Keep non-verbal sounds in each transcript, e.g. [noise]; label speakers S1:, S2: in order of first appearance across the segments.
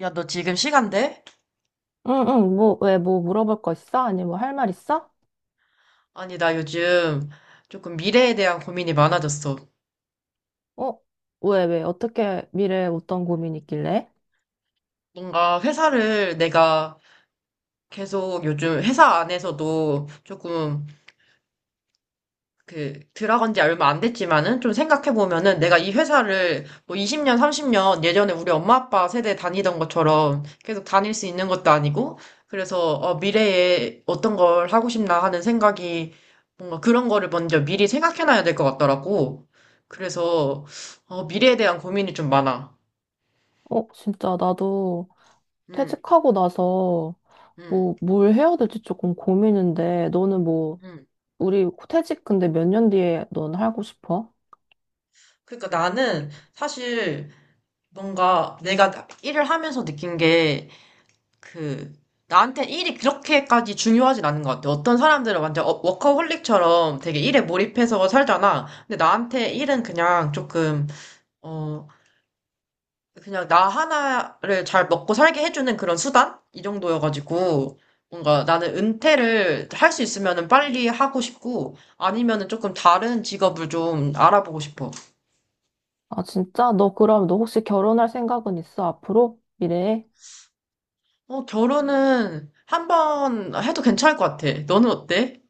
S1: 야, 너 지금 시간 돼?
S2: 응응 뭐 왜 뭐 물어볼 거 있어? 아니 뭐 할 말 있어?
S1: 아니, 나 요즘 조금 미래에 대한 고민이 많아졌어.
S2: 어? 왜 어떻게 미래에 어떤 고민이 있길래?
S1: 뭔가 회사를 내가 계속 요즘 회사 안에서도 조금 그 들어간 지 얼마 안 됐지만은 좀 생각해 보면은 내가 이 회사를 뭐 20년, 30년 예전에 우리 엄마 아빠 세대 다니던 것처럼 계속 다닐 수 있는 것도 아니고 그래서 미래에 어떤 걸 하고 싶나 하는 생각이 뭔가 그런 거를 먼저 미리 생각해 놔야 될 것 같더라고. 그래서 미래에 대한 고민이 좀 많아.
S2: 어 진짜 나도
S1: 음,
S2: 퇴직하고 나서
S1: 음,
S2: 뭐 뭘 해야 될지 조금 고민인데 너는 뭐
S1: 음.
S2: 우리 퇴직 근데 몇 년 뒤에 넌 하고 싶어?
S1: 그러니까 나는 사실 뭔가 내가 일을 하면서 느낀 게 그, 나한테 일이 그렇게까지 중요하진 않은 것 같아. 어떤 사람들은 완전 워커홀릭처럼 되게 일에 몰입해서 살잖아. 근데 나한테 일은 그냥 어, 그냥 나 하나를 잘 먹고 살게 해주는 그런 수단? 이 정도여가지고, 뭔가 나는 은퇴를 할 수 있으면은 빨리 하고 싶고, 아니면은 조금 다른 직업을 좀 알아보고 싶어.
S2: 아 진짜? 너 그럼 너 혹시 결혼할 생각은 있어 앞으로? 미래에?
S1: 어, 결혼은 한번 해도 괜찮을 것 같아. 너는 어때?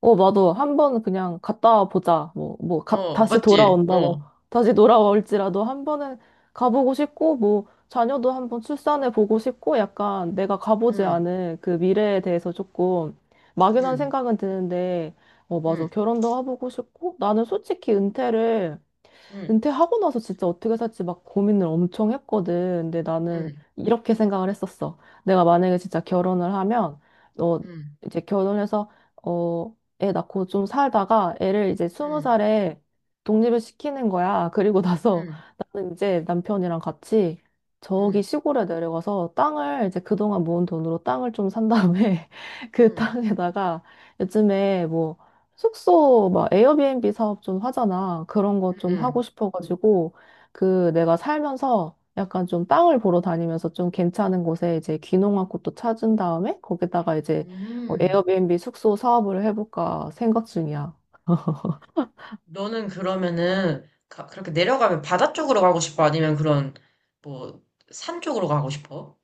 S2: 어, 맞아. 한번 그냥 갔다 보자.
S1: 어,
S2: 다시
S1: 맞지? 어,
S2: 돌아온다고. 다시 돌아올지라도 한 번은 가보고 싶고, 뭐, 자녀도 한번 출산해 보고 싶고, 약간 내가 가보지
S1: 응,
S2: 않은 그 미래에 대해서 조금 막연한
S1: 응.
S2: 생각은 드는데, 어, 맞아.
S1: 응.
S2: 결혼도 해보고 싶고, 나는 솔직히 은퇴를
S1: 응,
S2: 은퇴하고 나서 진짜 어떻게 살지 막 고민을 엄청 했거든. 근데 나는
S1: 응,
S2: 이렇게 생각을 했었어. 내가 만약에 진짜 결혼을 하면, 어,
S1: 응,
S2: 이제 결혼해서, 어, 애 낳고 좀 살다가 애를 이제 스무
S1: 응,
S2: 살에 독립을 시키는 거야. [laughs] 그리고 나서
S1: 응,
S2: 나는 이제 남편이랑 같이 저기
S1: 응,
S2: 시골에 내려가서 땅을 이제 그동안 모은 돈으로 땅을 좀 산 다음에 [laughs] 그
S1: 응,
S2: 땅에다가 요즘에 뭐 숙소 막 에어비앤비 사업 좀 하잖아. 그런 거
S1: 응,
S2: 좀
S1: 응.
S2: 하고 싶어가지고 그 내가 살면서 약간 좀 땅을 보러 다니면서 좀 괜찮은 곳에 이제 귀농한 곳도 찾은 다음에 거기다가 이제 어,
S1: 음.
S2: 에어비앤비 숙소 사업을 해볼까 생각 중이야.
S1: 너는 그러면은 그렇게 내려가면 바다 쪽으로 가고 싶어? 아니면 그런 뭐 산 쪽으로 가고 싶어?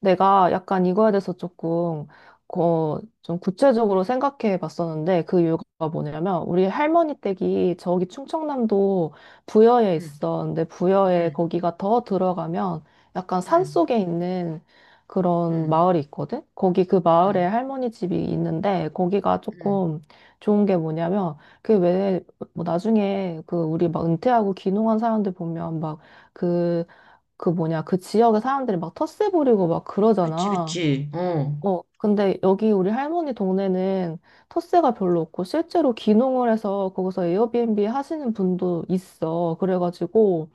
S2: 내가 약간 이거에 대해서 조금 어, 좀 구체적으로 생각해 봤었는데 그 이유가 뭐냐면 우리 할머니 댁이 저기 충청남도 부여에
S1: 응,
S2: 있어. 근데 부여에
S1: 응,
S2: 거기가 더 들어가면 약간 산
S1: 응,
S2: 속에 있는 그런
S1: 응,
S2: 마을이 있거든? 거기 그 마을에
S1: 응,
S2: 할머니 집이 있는데 거기가
S1: 응.
S2: 조금 좋은 게 뭐냐면 그왜 뭐 나중에 그 우리 막 은퇴하고 귀농한 사람들 보면 막그 그 뭐냐, 그 지역의 사람들이 막 텃세 부리고 막
S1: 그치,
S2: 그러잖아.
S1: 그치. 어.
S2: 어, 근데 여기 우리 할머니 동네는 텃세가 별로 없고 실제로 귀농을 해서 거기서 에어비앤비 하시는 분도 있어. 그래가지고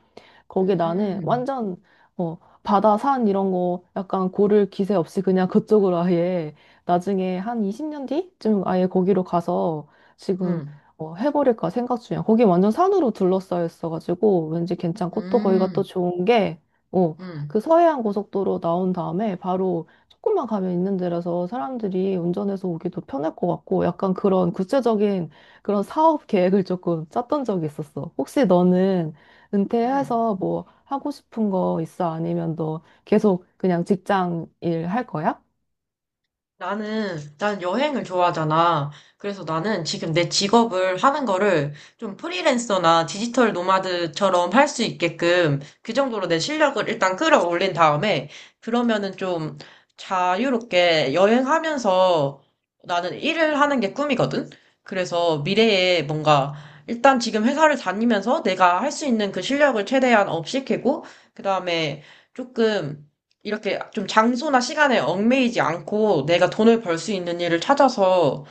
S2: 거기 나는
S1: 음,
S2: 완전 어, 바다, 산 이런 거 약간 고를 기세 없이 그냥 [laughs] 그쪽으로 아예 나중에 한 20년 뒤쯤 아예 거기로 가서 지금
S1: 응,
S2: 어, 해버릴까 생각 중이야. 거기 완전 산으로 둘러싸여 있어가지고 왠지 괜찮고 또 거기가 또
S1: 음,
S2: 좋은 게 어,
S1: 응,
S2: 그 서해안 고속도로 나온 다음에 바로 조금만 가면 있는 데라서 사람들이 운전해서 오기도 편할 것 같고 약간 그런 구체적인 그런 사업 계획을 조금 짰던 적이 있었어. 혹시 너는
S1: 응.
S2: 은퇴해서 뭐 하고 싶은 거 있어? 아니면 너 계속 그냥 직장 일 할 거야?
S1: 난 여행을 좋아하잖아. 그래서 나는 지금 내 직업을 하는 거를 좀 프리랜서나 디지털 노마드처럼 할 수 있게끔 그 정도로 내 실력을 일단 끌어올린 다음에 그러면은 좀 자유롭게 여행하면서 나는 일을 하는 게 꿈이거든? 그래서 미래에 뭔가 일단 지금 회사를 다니면서 내가 할 수 있는 그 실력을 최대한 업시키고 그 다음에 조금 이렇게 좀 장소나 시간에 얽매이지 않고 내가 돈을 벌 수 있는 일을 찾아서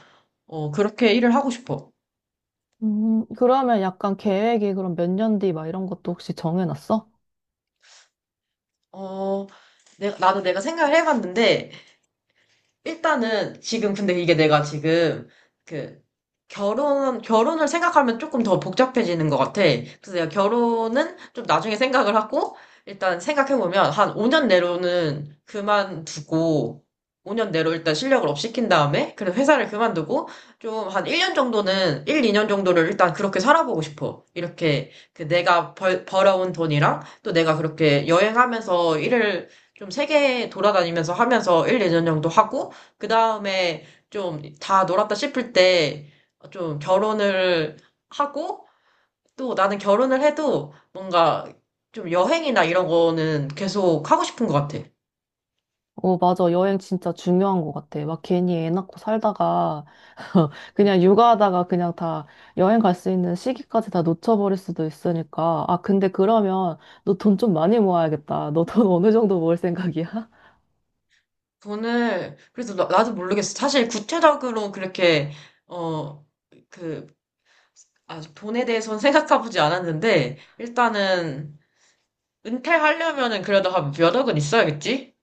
S1: 그렇게 일을 하고 싶어.
S2: 그러면 약간 계획이 그럼 몇 년 뒤 막 이런 것도 혹시 정해놨어?
S1: 어, 나도 내가 생각을 해봤는데 일단은 지금 근데 이게 내가 지금 그 결혼을 생각하면 조금 더 복잡해지는 것 같아. 그래서 내가 결혼은 좀 나중에 생각을 하고 일단 생각해보면 한 5년 내로는 그만두고 5년 내로 일단 실력을 업 시킨 다음에 그래 회사를 그만두고 좀 한 1년 정도는 1, 2년 정도를 일단 그렇게 살아보고 싶어. 이렇게 그 내가 벌어온 돈이랑 또 내가 그렇게 여행하면서 일을 좀 세계 돌아다니면서 하면서 1, 2년 정도 하고 그 다음에 좀 다 놀았다 싶을 때 좀 결혼을 하고 또 나는 결혼을 해도 뭔가 좀 여행이나 이런 거는 계속 하고 싶은 것 같아.
S2: 어, 맞아. 여행 진짜 중요한 것 같아. 막 괜히 애 낳고 살다가 [laughs]
S1: 음,
S2: 그냥 육아하다가 그냥 다 여행 갈 수 있는 시기까지 다 놓쳐버릴 수도 있으니까. 아, 근데 그러면 너 돈 좀 많이 모아야겠다. 너 돈 어느 정도 모을 생각이야?
S1: 그래서 나, 도 모르겠어. 사실 구체적으로 그렇게, 어, 그, 아, 돈에 대해서는 [laughs] 생각해보지 않았는데, 일단은 은퇴하려면은 그래도 한 몇 억은 있어야겠지?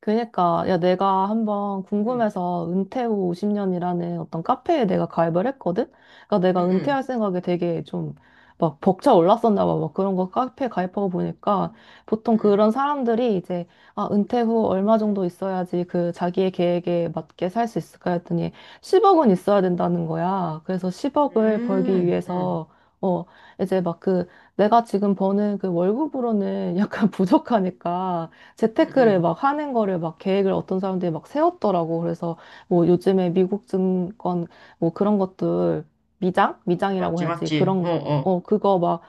S2: 그니까, 야, 내가 한번
S1: 응,
S2: 궁금해서 은퇴 후 50년이라는 어떤 카페에 내가 가입을 했거든? 그러니까
S1: 응,
S2: 내가
S1: 응,
S2: 은퇴할 생각에 되게 좀 막 벅차 올랐었나 봐. 막 그런 거 카페 가입하고 보니까 보통
S1: 응,
S2: 그런 사람들이 이제, 아, 은퇴 후 얼마 정도 있어야지 그 자기의 계획에 맞게 살 수 있을까 했더니 10억은 있어야 된다는 거야. 그래서 10억을 벌기
S1: 응, 응,
S2: 위해서, 어, 이제 막 그 내가 지금 버는 그 월급으로는 약간 [laughs] 부족하니까 재테크를
S1: 응,
S2: 막 하는 거를 막 계획을 어떤 사람들이 막 세웠더라고. 그래서 뭐 요즘에 미국 증권 뭐 그런 것들 미장?
S1: 응.
S2: 미장이라고
S1: 맞지,
S2: 해야지.
S1: 맞지. 어,
S2: 그런,
S1: 어.
S2: 어, 그거 막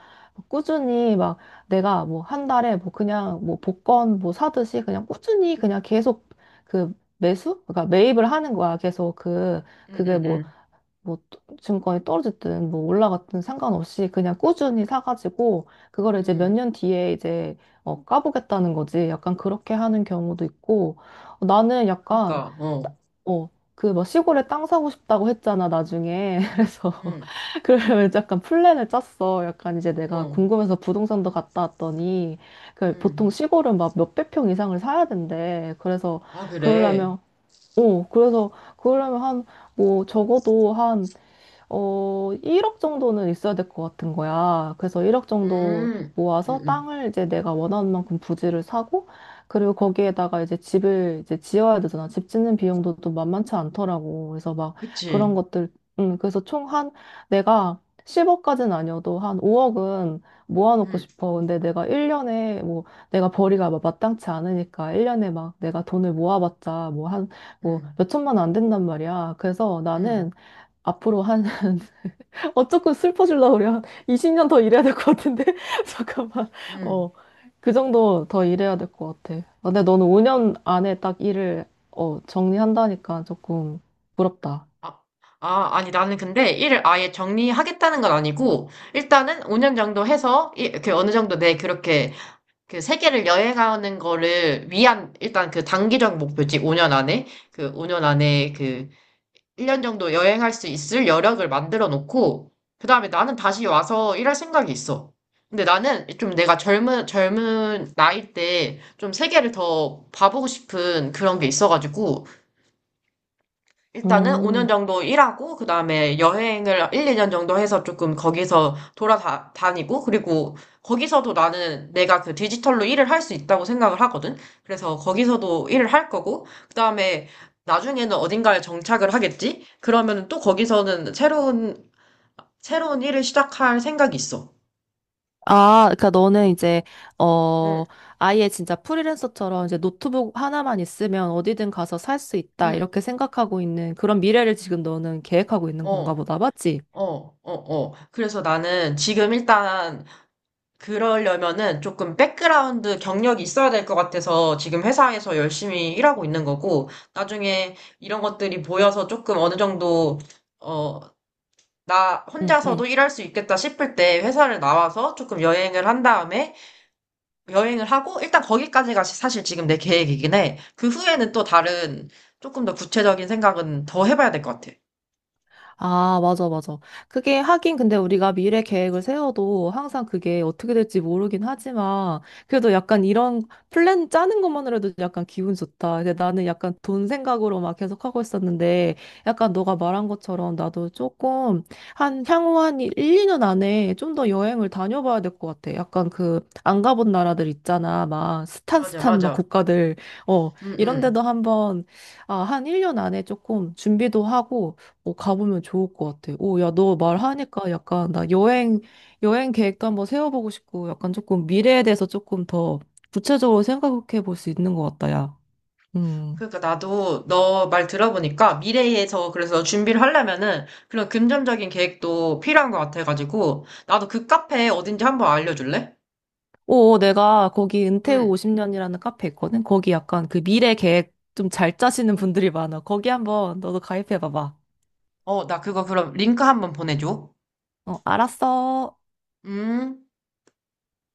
S2: 꾸준히 막 내가 뭐 한 달에 뭐 그냥 뭐 복권 뭐 사듯이 그냥 꾸준히 그냥 계속 그 매수? 그러니까 매입을 하는 거야. 계속 그, 그게
S1: 응응응.
S2: 뭐
S1: 응.
S2: 증권이 떨어졌든 뭐 올라갔든 상관없이 그냥 꾸준히 사가지고 그걸
S1: 응,
S2: 이제 몇
S1: 응.
S2: 년 뒤에 이제 어, 까보겠다는 거지. 약간 그렇게 하는 경우도 있고 어, 나는 약간
S1: 그러니까 어.
S2: 어, 그 뭐 시골에 땅 사고 싶다고 했잖아 나중에 [laughs] 그래서
S1: 응.
S2: [laughs] 그러면 약간 플랜을 짰어. 약간 이제 내가
S1: 어.
S2: 궁금해서 부동산도 갔다 왔더니 그 보통
S1: 응.
S2: 시골은 막 몇백 평 이상을 사야 된대. 그래서
S1: 아 그래.
S2: 그러려면 어 그래서 그러려면 한 뭐 적어도 한 어, 1억 정도는 있어야 될 것 같은 거야. 그래서 1억 정도
S1: 음.
S2: 모아서
S1: 응응.
S2: 땅을 이제 내가 원하는 만큼 부지를 사고, 그리고 거기에다가 이제 집을 이제 지어야 되잖아. 집 짓는 비용도 또 만만치 않더라고. 그래서 막 그런
S1: 그치.
S2: 것들, 그래서 총 한, 내가 10억까지는 아니어도 한 5억은 모아놓고
S1: 응.
S2: 싶어. 근데 내가 1년에 뭐 내가 벌이가 막 마땅치 않으니까 1년에 막 내가 돈을 모아봤자 뭐 한, 뭐
S1: 응.
S2: 몇천만 원 안 된단 말이야. 그래서
S1: 응.
S2: 나는 앞으로 한 [laughs] 어쨌건 슬퍼지려고 그래. 한 20년 더 일해야 될 것 같은데? [laughs] 잠깐만.
S1: 응.
S2: 어, 그 정도 더 일해야 될 것 같아. 근데 너는 5년 안에 딱 일을, 어, 정리한다니까 조금 부럽다.
S1: 아, 아니 나는 근데 일을 아예 정리하겠다는 건 아니고 일단은 5년 정도 해서 이렇게 어느 정도 내 그렇게 그 세계를 여행하는 거를 위한 일단 그 단기적 목표지 5년 안에 그 오 년 안에 그 1년 정도 여행할 수 있을 여력을 만들어 놓고, 그 다음에 나는 다시 와서 일할 생각이 있어. 근데 나는 좀 내가 젊은 나이 때 좀 세계를 더 봐보고 싶은 그런 게 있어가지고, 일단은 5년
S2: 음.
S1: 정도 일하고 그다음에 여행을 1, 2년 정도 해서 조금 거기서 돌아다니고 그리고 거기서도 나는 내가 그 디지털로 일을 할 수 있다고 생각을 하거든. 그래서 거기서도 일을 할 거고 그다음에 나중에는 어딘가에 정착을 하겠지? 그러면 또 거기서는 새로운 일을 시작할 생각이 있어.
S2: 아, 그러니까 너는 이제 어
S1: 응,
S2: 아예 진짜 프리랜서처럼 이제 노트북 하나만 있으면 어디든 가서 살 수 있다
S1: 응.
S2: 이렇게 생각하고 있는 그런 미래를 지금 너는 계획하고 있는 건가
S1: 어.
S2: 보다, 맞지?
S1: 어, 어, 어. 그래서 나는 지금 일단 그러려면은 조금 백그라운드 경력이 있어야 될 것 같아서 지금 회사에서 열심히 일하고 있는 거고, 나중에 이런 것들이 보여서 조금 어느 정도, 어, 나
S2: 응, 응.
S1: 혼자서도 일할 수 있겠다 싶을 때 회사를 나와서 조금 여행을 한 다음에 여행을 하고, 일단 거기까지가 사실 지금 내 계획이긴 해. 그 후에는 또 다른 조금 더 구체적인 생각은 더 해봐야 될 것 같아.
S2: 아, 맞아, 맞아. 그게 하긴 근데 우리가 미래 계획을 세워도 항상 그게 어떻게 될지 모르긴 하지만 그래도 약간 이런 플랜 짜는 것만으로도 약간 기분 좋다. 근데 나는 약간 돈 생각으로 막 계속 하고 있었는데 약간 너가 말한 것처럼 나도 조금 한 향후 한 1, 2년 안에 좀 더 여행을 다녀봐야 될 것 같아. 약간 그 안 가본 나라들 있잖아. 막
S1: 맞아,
S2: 스탄스탄 막
S1: 맞아.
S2: 국가들. 어,
S1: 응,
S2: 이런
S1: 응.
S2: 데도 한번 아, 한 1년 안에 조금 준비도 하고 어, 가보면 좋을 것 같아. 오, 야, 너 말하니까 약간 나 여행, 여행 계획도 한번 세워보고 싶고 약간 조금 미래에 대해서 조금 더 구체적으로 생각해 볼 수 있는 것 같다, 야. 음.
S1: 그러니까 나도 너 말 들어보니까 미래에 그래서 준비를 하려면은 그런 금전적인 계획도 필요한 것 같아가지고 나도 그 카페 어딘지 한번 알려줄래?
S2: 오, 어, 내가 거기 은퇴 후
S1: 응.
S2: 50년이라는 카페 있거든? 거기 약간 그 미래 계획 좀 잘 짜시는 분들이 많아. 거기 한번 너도 가입해 봐봐.
S1: 어, 나 그거 그럼 링크 한번 보내줘.
S2: 어, 알았어.
S1: 음.